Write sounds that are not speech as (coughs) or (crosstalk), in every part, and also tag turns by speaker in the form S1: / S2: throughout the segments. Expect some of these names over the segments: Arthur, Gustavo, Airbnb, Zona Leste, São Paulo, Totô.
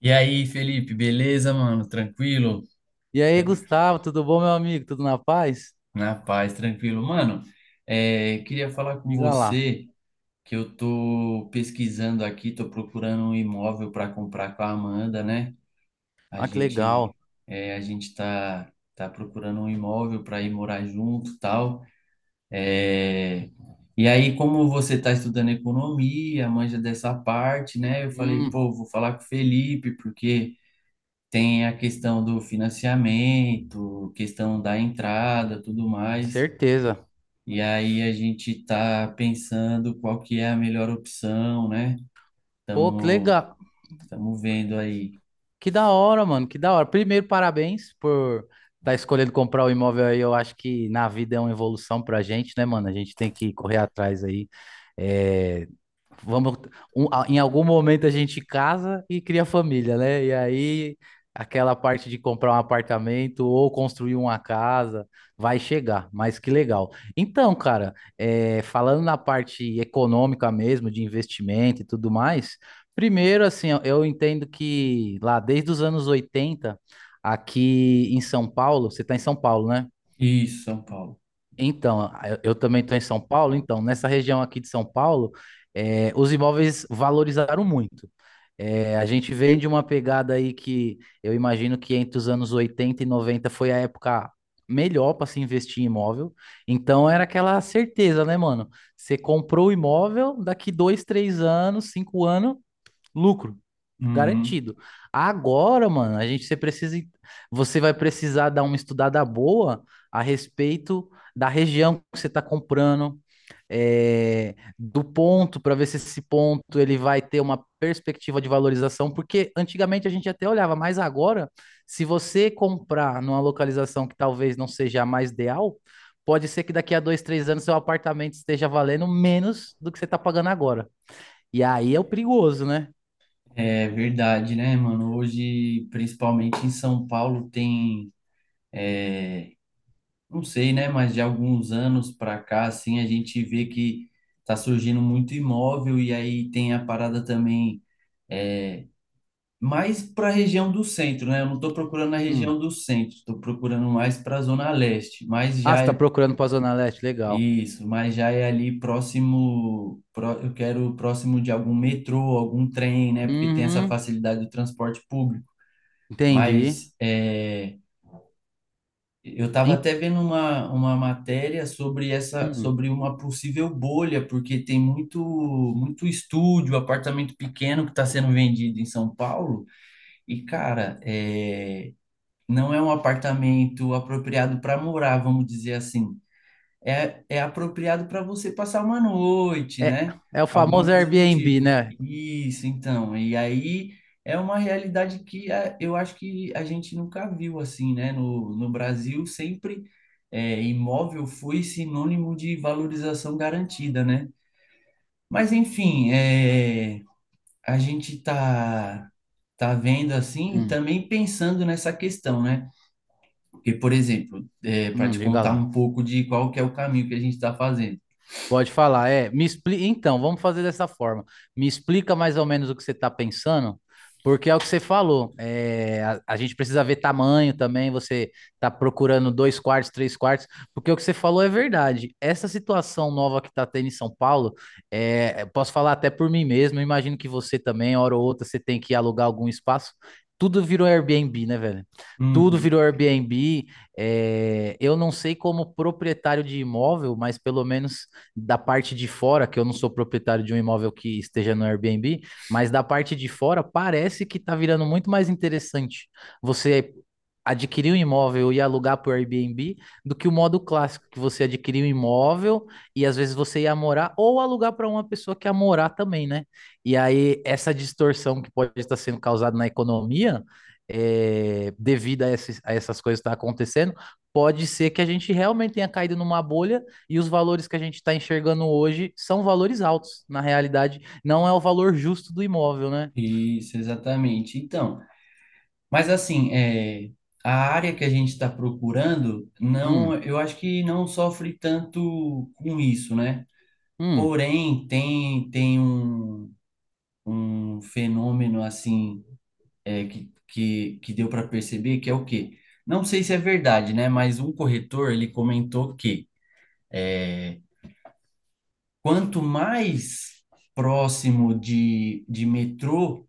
S1: E aí, Felipe, beleza, mano? Tranquilo?
S2: E aí, Gustavo, tudo bom, meu amigo? Tudo na paz?
S1: Na paz, tranquilo. Mano, queria falar com
S2: Diga lá.
S1: você que eu tô pesquisando aqui, tô procurando um imóvel para comprar com a Amanda, né? A
S2: Ah, que legal.
S1: gente, a gente tá procurando um imóvel para ir morar junto, e tal. É, E aí, como você tá estudando economia, manja dessa parte, né? Eu falei,
S2: Hum,
S1: pô, vou falar com o Felipe, porque tem a questão do financiamento, questão da entrada, tudo mais.
S2: certeza.
S1: E aí a gente está pensando qual que é a melhor opção, né?
S2: Pô, que
S1: Estamos
S2: legal.
S1: estamos vendo aí.
S2: Que da hora, mano, que da hora. Primeiro, parabéns por estar escolhendo comprar o imóvel aí. Eu acho que na vida é uma evolução pra gente, né, mano? A gente tem que correr atrás aí. É, vamos, em algum momento a gente casa e cria família, né? E aí aquela parte de comprar um apartamento ou construir uma casa vai chegar, mas que legal. Então, cara, falando na parte econômica mesmo, de investimento e tudo mais. Primeiro, assim, eu entendo que lá desde os anos 80 aqui em São Paulo, você está em São Paulo, né?
S1: Isso, São Paulo.
S2: Então, eu também estou em São Paulo, então, nessa região aqui de São Paulo, os imóveis valorizaram muito. A gente vem de uma pegada aí que eu imagino que entre os anos 80 e 90 foi a época melhor para se investir em imóvel. Então, era aquela certeza, né, mano? Você comprou o imóvel, daqui dois, três anos, cinco anos lucro
S1: Uhum.
S2: garantido. Agora, mano, a gente você precisa você vai precisar dar uma estudada boa a respeito da região que você está comprando, do ponto para ver se esse ponto ele vai ter uma perspectiva de valorização, porque antigamente a gente até olhava, mas agora, se você comprar numa localização que talvez não seja a mais ideal, pode ser que daqui a dois, três anos seu apartamento esteja valendo menos do que você está pagando agora. E aí é o perigoso, né?
S1: É verdade, né, mano? Hoje, principalmente em São Paulo, tem, não sei, né, mas de alguns anos para cá, assim, a gente vê que tá surgindo muito imóvel e aí tem a parada também mais para a região do centro, né? Eu não estou procurando na
S2: Hum.
S1: região do centro, estou procurando mais para a zona leste, mas
S2: Ah, você
S1: já
S2: tá
S1: é
S2: procurando pra Zona Leste, legal.
S1: isso, mas já é ali próximo, eu quero próximo de algum metrô, algum trem, né? Porque tem essa
S2: Uhum,
S1: facilidade do transporte público.
S2: entendi.
S1: Mas eu estava
S2: Em-
S1: até vendo uma matéria sobre essa,
S2: hum.
S1: sobre uma possível bolha, porque tem muito, muito estúdio, apartamento pequeno que está sendo vendido em São Paulo. E, cara, não é um apartamento apropriado para morar, vamos dizer assim. É apropriado para você passar uma noite,
S2: É,
S1: né?
S2: é o
S1: Alguma
S2: famoso
S1: coisa do
S2: Airbnb,
S1: tipo.
S2: né?
S1: Isso, então. E aí é uma realidade que eu acho que a gente nunca viu assim, né? No Brasil, sempre imóvel foi sinônimo de valorização garantida, né? Mas, enfim, a gente tá vendo assim,
S2: Hum,
S1: também pensando nessa questão, né? Porque, por exemplo, para te
S2: diga
S1: contar
S2: lá.
S1: um pouco de qual que é o caminho que a gente está fazendo.
S2: Pode falar, é. Então, vamos fazer dessa forma. Me explica mais ou menos o que você está pensando, porque é o que você falou. A gente precisa ver tamanho também. Você está procurando dois quartos, três quartos, porque o que você falou é verdade. Essa situação nova que está tendo em São Paulo, eu posso falar até por mim mesmo. Eu imagino que você também, hora ou outra, você tem que alugar algum espaço. Tudo virou Airbnb, né, velho? Tudo
S1: Uhum.
S2: virou Airbnb. Eu não sei como proprietário de imóvel, mas pelo menos da parte de fora, que eu não sou proprietário de um imóvel que esteja no Airbnb, mas da parte de fora parece que está virando muito mais interessante você adquirir um imóvel e alugar por Airbnb do que o modo clássico, que você adquirir um imóvel e às vezes você ia morar ou alugar para uma pessoa que ia morar também, né? E aí essa distorção que pode estar sendo causada na economia, devido a essas coisas que estão acontecendo, pode ser que a gente realmente tenha caído numa bolha e os valores que a gente está enxergando hoje são valores altos, na realidade. Não é o valor justo do imóvel, né?
S1: Isso, exatamente. Então, mas assim, a área que a gente está procurando, não,
S2: Hum,
S1: eu acho que não sofre tanto com isso, né?
S2: hum,
S1: Porém, tem um fenômeno assim que deu para perceber que é o quê? Não sei se é verdade, né? Mas um corretor ele comentou que quanto mais próximo de metrô,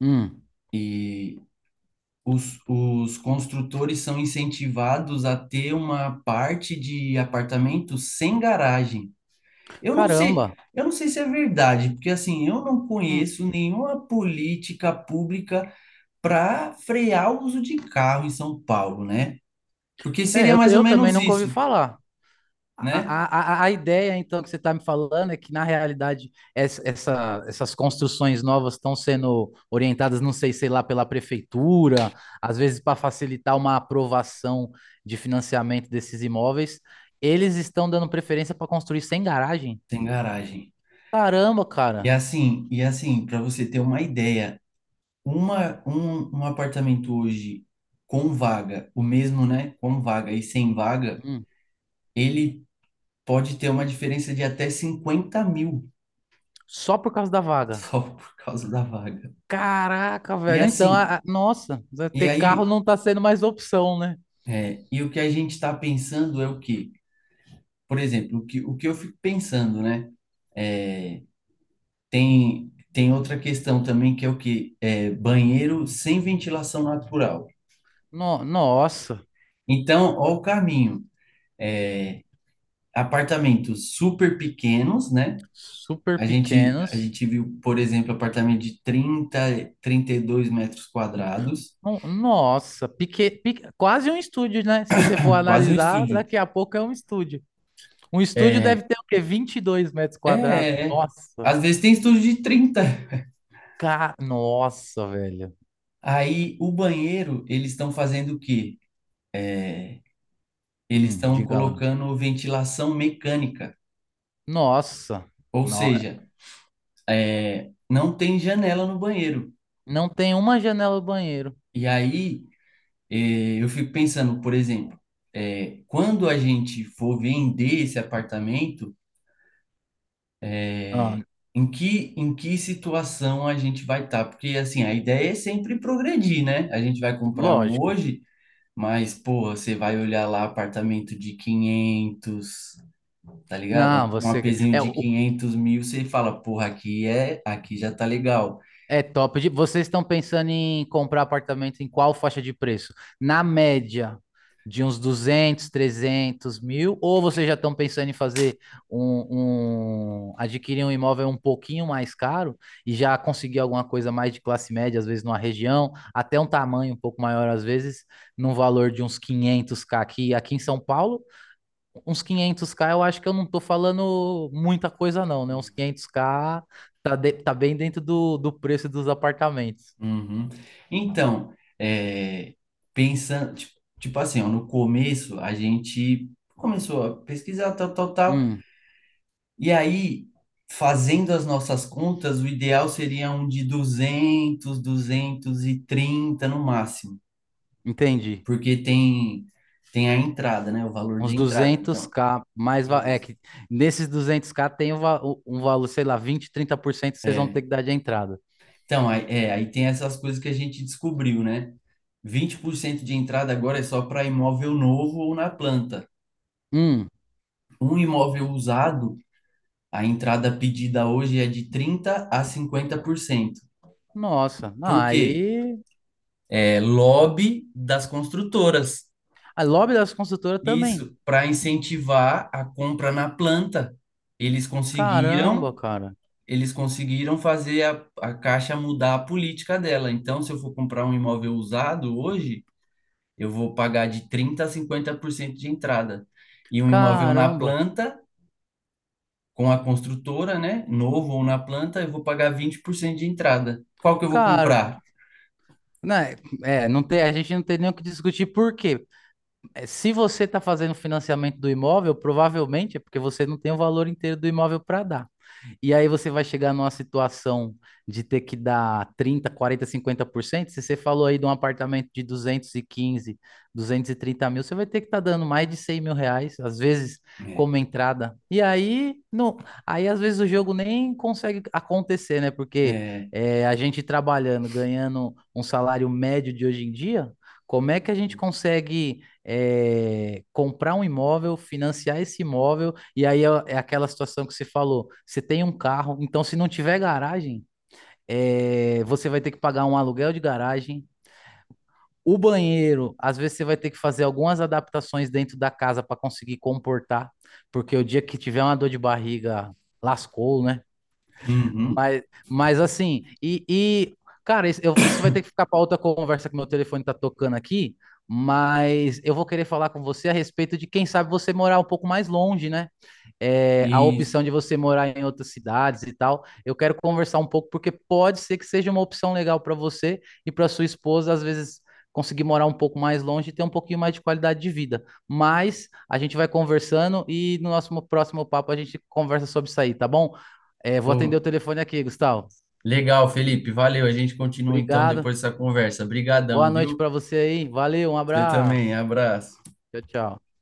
S2: hum.
S1: e os construtores são incentivados a ter uma parte de apartamento sem garagem. Eu não sei,
S2: Caramba.
S1: eu não sei se é verdade, porque assim, eu não
S2: Hum.
S1: conheço nenhuma política pública para frear o uso de carro em São Paulo, né? Porque
S2: É,
S1: seria
S2: eu,
S1: mais ou
S2: eu também
S1: menos
S2: nunca ouvi
S1: isso,
S2: falar.
S1: né?
S2: A ideia, então, que você está me falando é que, na realidade, essas construções novas estão sendo orientadas, não sei, sei lá, pela prefeitura, às vezes para facilitar uma aprovação de financiamento desses imóveis. Eles estão dando preferência para construir sem garagem?
S1: Sem garagem.
S2: Caramba,
S1: E
S2: cara.
S1: assim, e assim, para você ter uma ideia, um apartamento hoje com vaga, o mesmo, né? Com vaga e sem vaga,
S2: Hum,
S1: ele pode ter uma diferença de até 50.000
S2: só por causa da
S1: (laughs)
S2: vaga.
S1: só por causa da vaga.
S2: Caraca,
S1: E
S2: velho. Então,
S1: assim,
S2: nossa, né,
S1: e
S2: ter carro
S1: aí,
S2: não tá sendo mais opção, né?
S1: e o que a gente está pensando é o quê? Por exemplo, o que eu fico pensando, né? É, tem outra questão também que é o quê? Banheiro sem ventilação natural.
S2: Nossa,
S1: Então, ó o caminho. É, apartamentos super pequenos, né?
S2: super
S1: A gente, a
S2: pequenos.
S1: gente viu, por exemplo, apartamento de 32 m².
S2: Nossa, quase um estúdio, né? Se você for
S1: (coughs) (clears throat) Quase um
S2: analisar,
S1: estúdio.
S2: daqui a pouco é um estúdio. Um estúdio deve
S1: É,
S2: ter o quê? vinte e dois metros
S1: é,
S2: quadrados.
S1: é. É.
S2: Nossa,
S1: Às vezes tem estúdio de 30.
S2: nossa, velho.
S1: Aí o banheiro, eles estão fazendo o quê? Eles estão
S2: Diga lá.
S1: colocando ventilação mecânica,
S2: Nossa,
S1: ou
S2: no-
S1: seja, não tem janela no banheiro.
S2: não tem uma janela do banheiro.
S1: E aí eu fico pensando, por exemplo, quando a gente for vender esse apartamento.
S2: Ah,
S1: Em que situação a gente vai estar? Porque, assim, a ideia é sempre progredir, né? A gente vai comprar um
S2: lógico.
S1: hoje, mas, pô, você vai olhar lá apartamento de 500, tá ligado?
S2: Não,
S1: Um
S2: você.
S1: apezinho
S2: É,
S1: de
S2: o
S1: 500.000, você fala, porra, aqui já tá legal.
S2: É top. Vocês estão pensando em comprar apartamento em qual faixa de preço? Na média de uns 200, 300 mil? Ou vocês já estão pensando em fazer um, adquirir um imóvel um pouquinho mais caro e já conseguir alguma coisa mais de classe média, às vezes numa região, até um tamanho um pouco maior, às vezes, num valor de uns quinhentos k aqui, aqui em São Paulo? Uns 500k, eu acho que eu não tô falando muita coisa não, né? Uns 500k tá, tá bem dentro do, do preço dos apartamentos.
S1: Uhum. Então, é, pensando, tipo, tipo assim, ó, no começo a gente começou a pesquisar, tal, tal, tal.
S2: Hum,
S1: E aí, fazendo as nossas contas, o ideal seria um de 230 no máximo,
S2: entendi.
S1: porque tem a entrada, né? O valor
S2: Uns
S1: de entrada, então.
S2: 200k, é
S1: Isso.
S2: que nesses 200k tem um valor, sei lá, 20, 30% vocês vão ter
S1: É.
S2: que dar de entrada.
S1: Então, aí, aí tem essas coisas que a gente descobriu, né? Vinte por cento de entrada agora é só para imóvel novo ou na planta.
S2: Hum,
S1: Um imóvel usado, a entrada pedida hoje é de 30 a 50%. Por cento.
S2: nossa. Não,
S1: Por quê?
S2: aí
S1: É lobby das construtoras.
S2: a lobby das construtoras também.
S1: Isso, para incentivar a compra na planta. Eles
S2: Caramba,
S1: conseguiram,
S2: cara.
S1: eles conseguiram fazer a Caixa mudar a política dela. Então, se eu for comprar um imóvel usado hoje, eu vou pagar de 30 a 50% de entrada. E um imóvel na
S2: Caramba.
S1: planta, com a construtora, né, novo ou na planta, eu vou pagar 20% de entrada. Qual que eu vou
S2: Cara,
S1: comprar?
S2: né, não tem, a gente não tem nem o que discutir por quê? Se você está fazendo financiamento do imóvel, provavelmente é porque você não tem o valor inteiro do imóvel para dar. E aí você vai chegar numa situação de ter que dar trinta, por cento, quarenta, por cento, cinquenta por cento. Se você falou aí de um apartamento de duzentos duzentos e quinze, duzentos e trinta mil, você vai ter que estar dando mais de R$ 100 mil, às vezes,
S1: É,
S2: como entrada. E aí, não, aí às vezes o jogo nem consegue acontecer, né? Porque
S1: é,
S2: a gente trabalhando, ganhando um salário médio de hoje em dia, como é que a gente consegue comprar um imóvel, financiar esse imóvel, e aí é aquela situação que você falou: você tem um carro, então se não tiver garagem, você vai ter que pagar um aluguel de garagem. O banheiro, às vezes você vai ter que fazer algumas adaptações dentro da casa para conseguir comportar, porque o dia que tiver uma dor de barriga, lascou, né?
S1: uhum,
S2: Mas, mas assim, e, e, cara, isso, isso vai ter que ficar para outra conversa que meu telefone tá tocando aqui, mas eu vou querer falar com você a respeito de quem sabe você morar um pouco mais longe, né? É, a
S1: isso.
S2: opção de você morar em outras cidades e tal. Eu quero conversar um pouco porque pode ser que seja uma opção legal para você e para sua esposa, às vezes conseguir morar um pouco mais longe e ter um pouquinho mais de qualidade de vida. Mas a gente vai conversando e no nosso próximo papo a gente conversa sobre isso aí, tá bom? É, vou atender o
S1: Pô,
S2: telefone aqui, Gustavo.
S1: legal, Felipe. Valeu. A gente continua então
S2: Obrigado.
S1: depois dessa conversa.
S2: Boa
S1: Obrigadão,
S2: noite
S1: viu?
S2: para você aí. Valeu, um
S1: Você também.
S2: abraço.
S1: Abraço.
S2: Tchau, tchau.